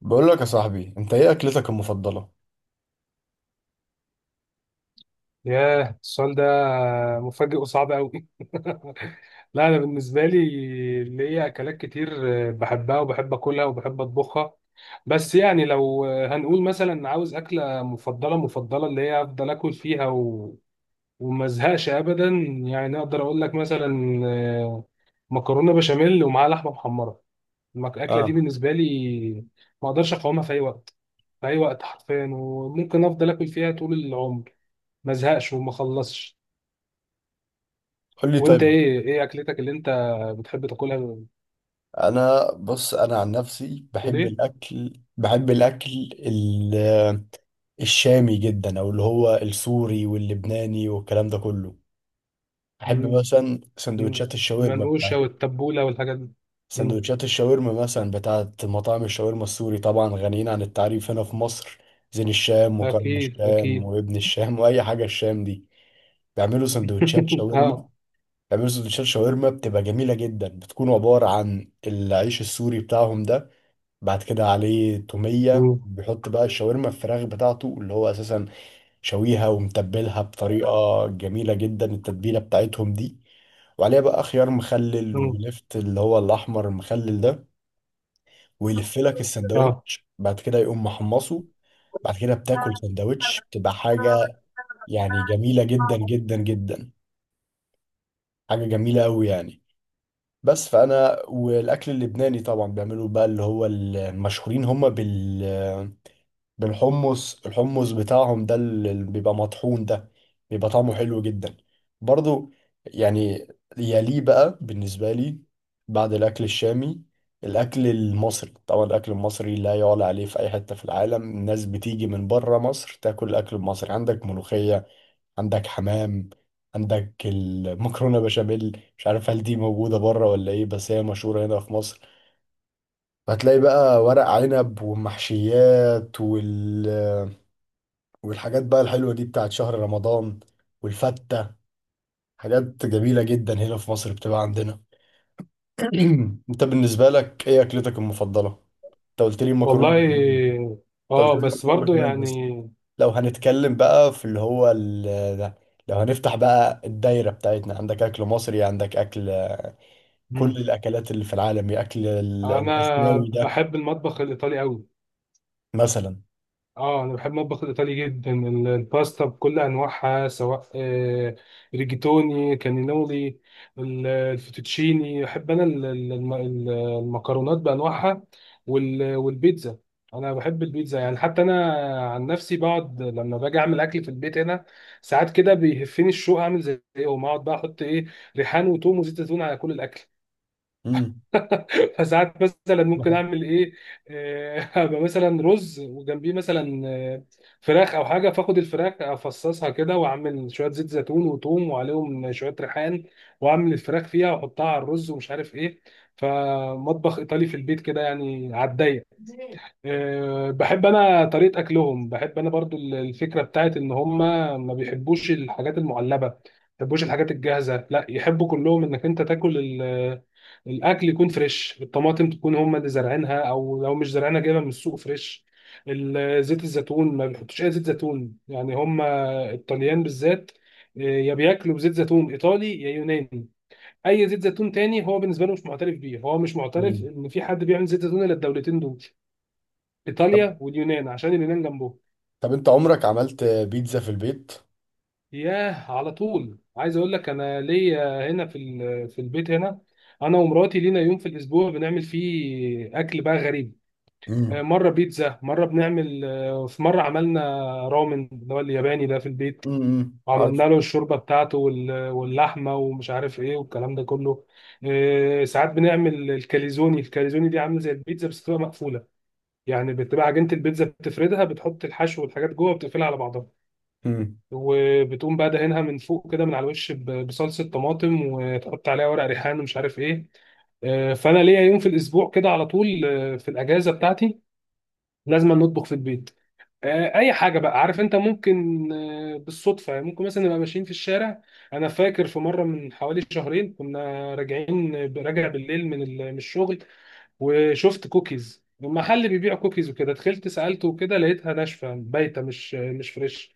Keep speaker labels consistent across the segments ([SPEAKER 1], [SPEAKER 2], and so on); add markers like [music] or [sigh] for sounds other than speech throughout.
[SPEAKER 1] بقول لك يا صاحبي، انت ايه اكلتك المفضله؟
[SPEAKER 2] ياه، السؤال ده مفاجئ وصعب قوي. [laughs] لا، انا بالنسبه لي ليا اكلات كتير بحبها وبحب اكلها وبحب اطبخها. بس يعني لو هنقول مثلا عاوز اكله مفضله مفضله اللي هي افضل اكل فيها وما ازهقش ابدا. يعني اقدر اقول لك مثلا مكرونه بشاميل ومعاها لحمه محمره. الاكله دي
[SPEAKER 1] اه،
[SPEAKER 2] بالنسبه لي ما اقدرش اقاومها في اي وقت، في اي وقت حرفيا، وممكن افضل اكل فيها طول العمر ما ازهقش وما اخلصش.
[SPEAKER 1] قول لي
[SPEAKER 2] وانت
[SPEAKER 1] طيب.
[SPEAKER 2] ايه اكلتك اللي انت بتحب تاكلها؟
[SPEAKER 1] انا بص، انا عن نفسي
[SPEAKER 2] بتقول
[SPEAKER 1] بحب
[SPEAKER 2] ايه؟
[SPEAKER 1] الاكل. بحب الاكل ال- الشامي جدا، او اللي هو السوري واللبناني والكلام ده كله. بحب
[SPEAKER 2] مم.
[SPEAKER 1] مثلا
[SPEAKER 2] مم.
[SPEAKER 1] سندوتشات الشاورما
[SPEAKER 2] منقوشه
[SPEAKER 1] بتاعت
[SPEAKER 2] والتبوله والحاجات دي. مم.
[SPEAKER 1] سندوتشات الشاورما مثلا بتاعت مطاعم الشاورما السوري، طبعا غنيين عن التعريف هنا في مصر. زين الشام وكرم
[SPEAKER 2] اكيد
[SPEAKER 1] الشام
[SPEAKER 2] اكيد.
[SPEAKER 1] وابن الشام [laughs] واي حاجه الشام دي بيعملوا سندوتشات
[SPEAKER 2] [laughs]
[SPEAKER 1] شاورما.
[SPEAKER 2] اه.
[SPEAKER 1] بيعملوا سندوتشات شاورما بتبقى جميلة جدا، بتكون عبارة عن العيش السوري بتاعهم ده، بعد كده عليه تومية،
[SPEAKER 2] مم.
[SPEAKER 1] بيحط بقى الشاورما الفراخ بتاعته، اللي هو أساسا شويها ومتبلها بطريقة جميلة جدا، التتبيلة بتاعتهم دي، وعليها بقى خيار مخلل
[SPEAKER 2] مم.
[SPEAKER 1] ولفت اللي هو الأحمر المخلل ده، ويلف لك
[SPEAKER 2] اه
[SPEAKER 1] السندوتش، بعد كده يقوم محمصه. بعد كده بتاكل سندوتش بتبقى حاجة، يعني جميلة جدا جدا جدا، حاجة جميلة أوي يعني. بس فانا والاكل اللبناني طبعا بيعملوا بقى اللي هو المشهورين هم بالحمص، الحمص بتاعهم ده اللي بيبقى مطحون ده بيبقى طعمه حلو جدا برضو، يعني. يليه بقى بالنسبة لي، بعد الاكل الشامي، الاكل المصري. طبعا الاكل المصري لا يعلى عليه في اي حتة في العالم، الناس بتيجي من بره مصر تاكل الاكل المصري. عندك ملوخية، عندك حمام، عندك المكرونه بشاميل، مش عارف هل دي موجوده بره ولا ايه، بس هي مشهوره هنا في مصر. هتلاقي بقى ورق عنب والمحشيات والحاجات بقى الحلوه دي بتاعت شهر رمضان، والفته، حاجات جميله جدا هنا في مصر بتبقى عندنا. [clears throat] انت بالنسبه لك ايه اكلتك المفضله؟ انت قلت لي المكرونه
[SPEAKER 2] والله.
[SPEAKER 1] بشاميل، انت قلت
[SPEAKER 2] اه
[SPEAKER 1] لي
[SPEAKER 2] بس
[SPEAKER 1] المكرونه
[SPEAKER 2] برضو
[SPEAKER 1] بشاميل بس.
[SPEAKER 2] يعني.
[SPEAKER 1] لو هنتكلم بقى في اللي هو ال... ده. لو هنفتح بقى الدايره بتاعتنا، عندك اكل مصري، عندك اكل كل
[SPEAKER 2] مم.
[SPEAKER 1] الأكلات اللي في العالم، يا أكل
[SPEAKER 2] انا
[SPEAKER 1] الآسيوي ده
[SPEAKER 2] بحب المطبخ الايطالي قوي.
[SPEAKER 1] مثلا.
[SPEAKER 2] اه انا بحب المطبخ الايطالي جدا. الباستا بكل انواعها، سواء ريجيتوني، كانينولي، الفوتوتشيني. احب انا المكرونات بانواعها، والبيتزا. انا بحب البيتزا، يعني حتى انا عن نفسي بقعد لما باجي اعمل اكل في البيت هنا، ساعات كده بيهفني الشوق اعمل زيهم، اقعد بقى احط ايه، ريحان وتوم وزيت زيتون على كل الاكل.
[SPEAKER 1] امم،
[SPEAKER 2] [laughs] فساعات مثلا ممكن اعمل ايه، [laughs] ابقى مثلا رز وجنبيه مثلا، فراخ او حاجه، فاخد الفراخ افصصها كده واعمل شويه زيت زيتون وثوم وعليهم شويه ريحان، واعمل الفراخ فيها واحطها على الرز ومش عارف ايه. فمطبخ ايطالي في البيت كده يعني على الضيق. بحب انا طريقه اكلهم، بحب انا برضو الفكره بتاعت ان هم ما بيحبوش الحاجات المعلبه، ما بيحبوش الحاجات الجاهزه، لا يحبوا كلهم انك انت تاكل الاكل يكون فريش. الطماطم تكون هم اللي زارعينها، او لو مش زارعينها جايبها من السوق فريش. زيت الزيتون ما بيحطوش اي زيت زيتون، يعني هم الطليان بالذات يا بياكلوا بزيت زيتون ايطالي يا يوناني. اي زيت زيتون تاني هو بالنسبه له مش معترف بيه، هو مش معترف
[SPEAKER 1] امم.
[SPEAKER 2] ان في حد بيعمل زيت زيتون الا الدولتين دول،
[SPEAKER 1] طب،
[SPEAKER 2] ايطاليا واليونان، عشان اليونان جنبهم.
[SPEAKER 1] طب أنت عمرك عملت بيتزا في البيت؟
[SPEAKER 2] ياه، على طول عايز اقول لك انا ليا هنا في في البيت هنا، انا ومراتي لينا يوم في الاسبوع بنعمل فيه اكل بقى غريب.
[SPEAKER 1] امم،
[SPEAKER 2] مره بيتزا، مره بنعمل في مره عملنا رامن اللي هو الياباني ده في البيت،
[SPEAKER 1] امم، عارف.
[SPEAKER 2] وعملنا له الشوربه بتاعته واللحمه ومش عارف ايه والكلام ده كله. ساعات بنعمل الكاليزوني. الكاليزوني دي عامله زي البيتزا بس بتبقى مقفوله، يعني بتبقى عجينه البيتزا بتفردها، بتحط الحشو والحاجات جوه، بتقفلها على بعضها
[SPEAKER 1] امم،
[SPEAKER 2] وبتقوم بقى دهنها من فوق كده من على الوش بصلصه طماطم، وتحط عليها ورق ريحان ومش عارف ايه. فانا ليا يوم في الاسبوع كده على طول، في الاجازه بتاعتي لازم نطبخ في البيت. اي حاجه بقى، عارف انت، ممكن بالصدفه، يعني ممكن مثلا نبقى ماشيين في الشارع. انا فاكر في مره من حوالي شهرين كنا راجعين، راجع بالليل من من الشغل، وشفت كوكيز، محل بيبيع كوكيز وكده، دخلت سالته وكده لقيتها ناشفه بايته، مش فريش.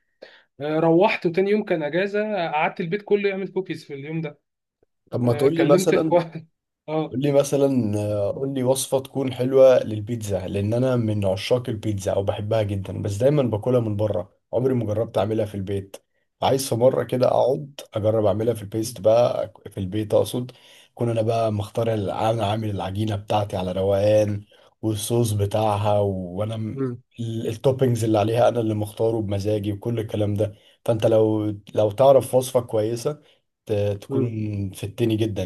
[SPEAKER 2] روحت وتاني يوم كان اجازه، قعدت البيت كله يعمل كوكيز في اليوم ده.
[SPEAKER 1] طب ما تقول لي
[SPEAKER 2] كلمت [laughs]
[SPEAKER 1] مثلا،
[SPEAKER 2] اخوان. اه.
[SPEAKER 1] قول لي مثلا قول لي وصفة تكون حلوة للبيتزا، لأن أنا من عشاق البيتزا أو بحبها جدا، بس دايما باكلها من بره،
[SPEAKER 2] م-
[SPEAKER 1] عمري ما جربت أعملها في البيت. عايز في مرة كده أقعد أجرب أعملها في البيست بقى، في البيت أقصد، أكون أنا بقى مختار أنا عامل العجينة بتاعتي على روقان والصوص بتاعها، وأنا
[SPEAKER 2] م-
[SPEAKER 1] التوبينجز اللي عليها أنا اللي مختاره بمزاجي وكل الكلام ده. فأنت لو تعرف وصفة كويسة ت-
[SPEAKER 2] م.
[SPEAKER 1] تكون فدتني جدا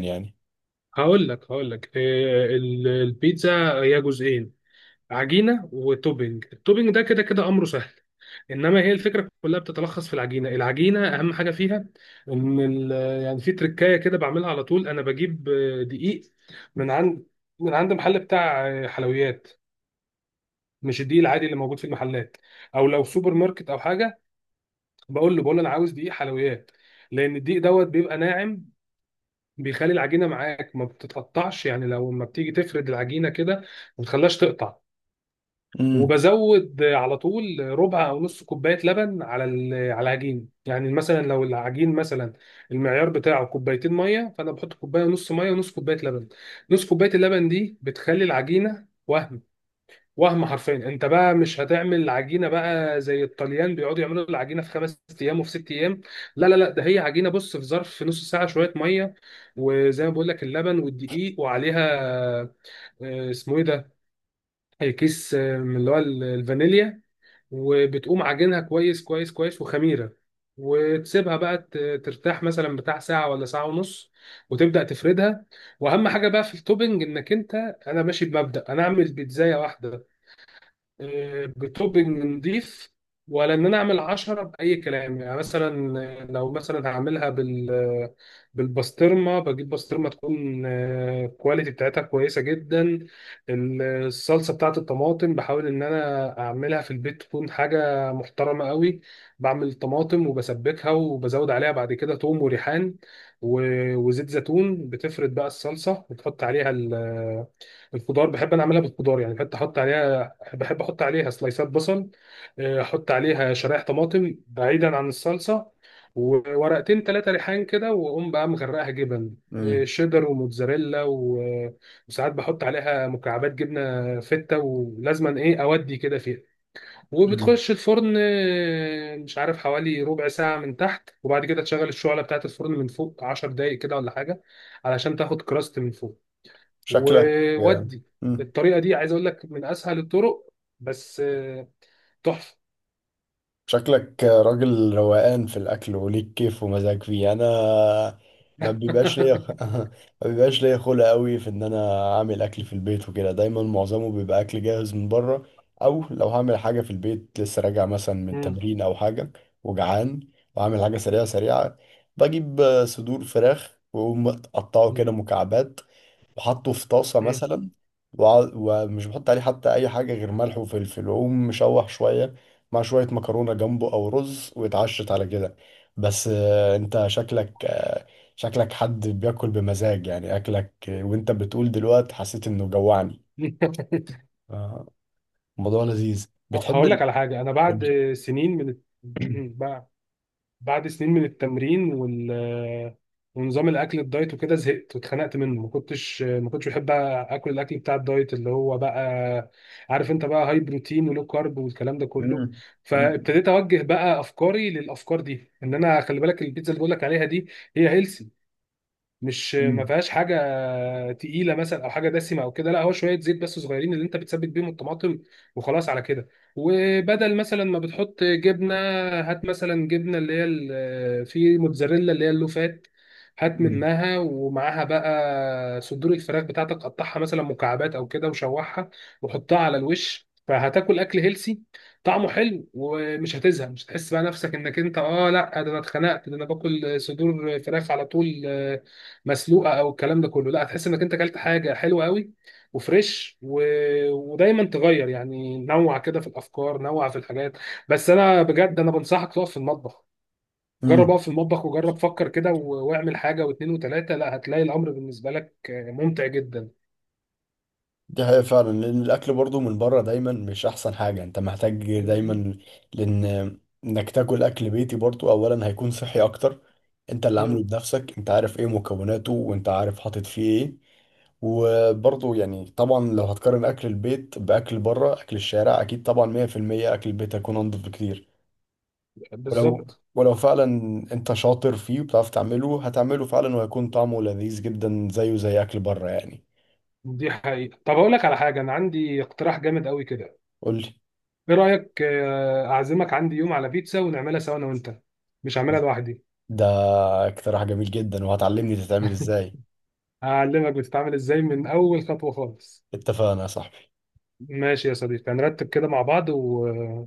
[SPEAKER 2] هقول لك البيتزا هي جزئين، عجينه وتوبينج. التوبينج ده كده كده امره سهل، انما هي الفكره كلها بتتلخص في العجينه. العجينه اهم حاجه فيها ان يعني في تركايه كده بعملها على طول. انا بجيب دقيق من عند، محل بتاع حلويات، مش الدقيق العادي اللي موجود في المحلات او لو سوبر ماركت او حاجه. بقول له انا عاوز دقيق حلويات، لان الدقيق دوت بيبقى ناعم، بيخلي العجينه معاك ما بتتقطعش، يعني لو ما بتيجي تفرد العجينه كده ما بتخليهاش تقطع.
[SPEAKER 1] يعني.
[SPEAKER 2] وبزود على طول ربع او نص كوبايه لبن على على العجين، يعني مثلا لو العجين مثلا المعيار بتاعه كوبايتين ميه، فانا بحط كوبايه ونص ميه ونص كوبايه لبن. نص كوبايه اللبن دي بتخلي العجينه وهم، حرفيا. انت بقى مش هتعمل عجينه بقى زي الطليان بيقعدوا يعملوا العجينه في خمس ايام وفي ست ايام، لا لا لا، ده هي عجينه، بص، في ظرف نص ساعه شويه ميه وزي ما بقول لك اللبن والدقيق، وعليها اسمه ايه ده، كيس من اللي هو الفانيليا، وبتقوم عجينها كويس كويس كويس وخميره، وتسيبها بقى ترتاح مثلا بتاع ساعه ولا ساعه ونص، وتبدا تفردها. واهم حاجه بقى في التوبنج انك انت، انا ماشي بمبدا انا اعمل بيتزايه واحده بتوبنج نضيف، ولا ان انا اعمل عشرة باي كلام. يعني مثلا لو مثلا هعملها بالبسطرمه، بجيب بسطرمه تكون الكواليتي بتاعتها كويسه جدا. الصلصه بتاعت الطماطم بحاول ان انا اعملها في البيت تكون حاجه محترمه قوي، بعمل طماطم وبسبكها وبزود عليها بعد كده توم وريحان وزيت زيتون، بتفرد بقى الصلصه وتحط عليها الخضار. بحب انا اعملها بالخضار، يعني بحب احط عليها، سلايسات بصل، احط عليها شرايح طماطم بعيدا عن الصلصه، وورقتين ثلاثه ريحان كده، واقوم بقى مغرقها جبن،
[SPEAKER 1] مم.
[SPEAKER 2] شيدر وموتزاريلا، وساعات بحط عليها مكعبات جبنه فته ولازما ايه اودي كده فيها.
[SPEAKER 1] مم.
[SPEAKER 2] وبتخش الفرن مش عارف حوالي ربع ساعه من تحت، وبعد كده تشغل الشعله بتاعت الفرن من فوق 10 دقايق كده ولا حاجه علشان تاخد كراست من فوق
[SPEAKER 1] شكلك.
[SPEAKER 2] وودي.
[SPEAKER 1] مم.
[SPEAKER 2] الطريقه دي عايز اقول لك من اسهل الطرق، بس تحفه.
[SPEAKER 1] شكلك راجل روقان في الأكل وليك كيف ومزاج فيه. أنا ما بيبقاش ليا
[SPEAKER 2] [laughs]
[SPEAKER 1] [laughs] ما بيبقاش ليا خلق أوي في إن أنا أعمل أكل في البيت وكده، دايما معظمه بيبقى أكل جاهز من بره. أو لو هعمل حاجة في البيت لسه راجع مثلا من
[SPEAKER 2] مم.
[SPEAKER 1] تمرين أو حاجة وجعان، وعامل حاجة سريعة سريعة، بجيب صدور فراخ وأقوم أقطعه
[SPEAKER 2] مم.
[SPEAKER 1] كده مكعبات وحطه في طاسة
[SPEAKER 2] مم.
[SPEAKER 1] مثلا، ومش بحط عليه حتى أي حاجة غير ملح وفلفل، وأقوم مشوح شوية مع شوية مكرونة جنبه أو رز، واتعشت على كده. بس أنت شكلك، شكلك حد بياكل بمزاج، يعني أكلك، وأنت بتقول دلوقتي حسيت إنه جوعني.
[SPEAKER 2] [laughs]
[SPEAKER 1] آه، الموضوع لذيذ. بتحب
[SPEAKER 2] هقول لك على حاجه. انا بعد
[SPEAKER 1] قولي.
[SPEAKER 2] سنين من،
[SPEAKER 1] [coughs] [clears throat]
[SPEAKER 2] بقى، بعد سنين من التمرين ونظام الاكل الدايت وكده زهقت واتخنقت منه. ما كنتش بحب اكل الاكل بتاع الدايت، اللي هو بقى عارف انت بقى هاي بروتين ولو كارب والكلام ده كله.
[SPEAKER 1] مم. مم.
[SPEAKER 2] فابتديت اوجه بقى افكاري للافكار دي ان انا، خلي بالك، البيتزا اللي بقول لك عليها دي هي هيلثي، مش ما فيهاش حاجه تقيله مثلا او حاجه دسمه او كده، لا هو شويه زيت بس صغيرين اللي انت بتسبك بيهم الطماطم وخلاص على كده، وبدل مثلا ما بتحط جبنه، هات مثلا جبنه اللي هي في موتزاريلا اللي هي اللوفات، هات
[SPEAKER 1] مم.
[SPEAKER 2] منها ومعاها بقى صدور الفراخ بتاعتك، قطعها مثلا مكعبات او كده وشوحها وحطها على الوش، فهتاكل اكل هيلسي طعمه حلو ومش هتزهق. مش هتحس بقى نفسك انك انت، اه لا، ده انا اتخنقت، ده انا باكل صدور فراخ على طول مسلوقه او الكلام ده كله، لا هتحس انك انت اكلت حاجه حلوه قوي وفريش ودايما تغير يعني نوع كده في الافكار، نوع في الحاجات. بس انا بجد انا بنصحك تقف في المطبخ، جرب
[SPEAKER 1] مم.
[SPEAKER 2] اقف في المطبخ وجرب فكر كده واعمل حاجه واثنين وثلاثه، لا هتلاقي الامر بالنسبه لك ممتع جدا.
[SPEAKER 1] دي حقيقة فعلا، لأن الأكل برضو من بره دايما مش أحسن حاجة، أنت محتاج
[SPEAKER 2] مم.
[SPEAKER 1] دايما، لأن إنك تاكل أكل بيتي برضو أولا هيكون صحي أكتر، أنت اللي عامله
[SPEAKER 2] مم.
[SPEAKER 1] بنفسك، أنت عارف إيه مكوناته، وأنت عارف حاطط فيه إيه. وبرضو يعني طبعا لو هتقارن أكل البيت بأكل بره أكل الشارع، أكيد طبعا 100% أكل البيت هيكون أنضف بكتير. ولو
[SPEAKER 2] بالظبط.
[SPEAKER 1] ولو فعلا أنت شاطر فيه وبتعرف تعمله، هتعمله فعلا وهيكون طعمه لذيذ جدا زيه زي أكل بره يعني.
[SPEAKER 2] دي حقيقة. طب اقول لك على حاجة، انا عندي اقتراح جامد قوي كده،
[SPEAKER 1] قولي.
[SPEAKER 2] ايه رأيك اعزمك عندي يوم على بيتزا ونعملها سوا انا وانت؟ مش هعملها لوحدي.
[SPEAKER 1] ده اقتراح جميل جدا، وهتعلمني تتعمل ازاي.
[SPEAKER 2] هعلمك بتتعامل ازاي من اول خطوه خالص.
[SPEAKER 1] اتفقنا يا صاحبي.
[SPEAKER 2] ماشي يا صديقي، هنرتب كده مع بعض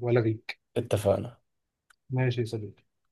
[SPEAKER 2] والغيك.
[SPEAKER 1] اتفقنا.
[SPEAKER 2] ماشي يا صديقي.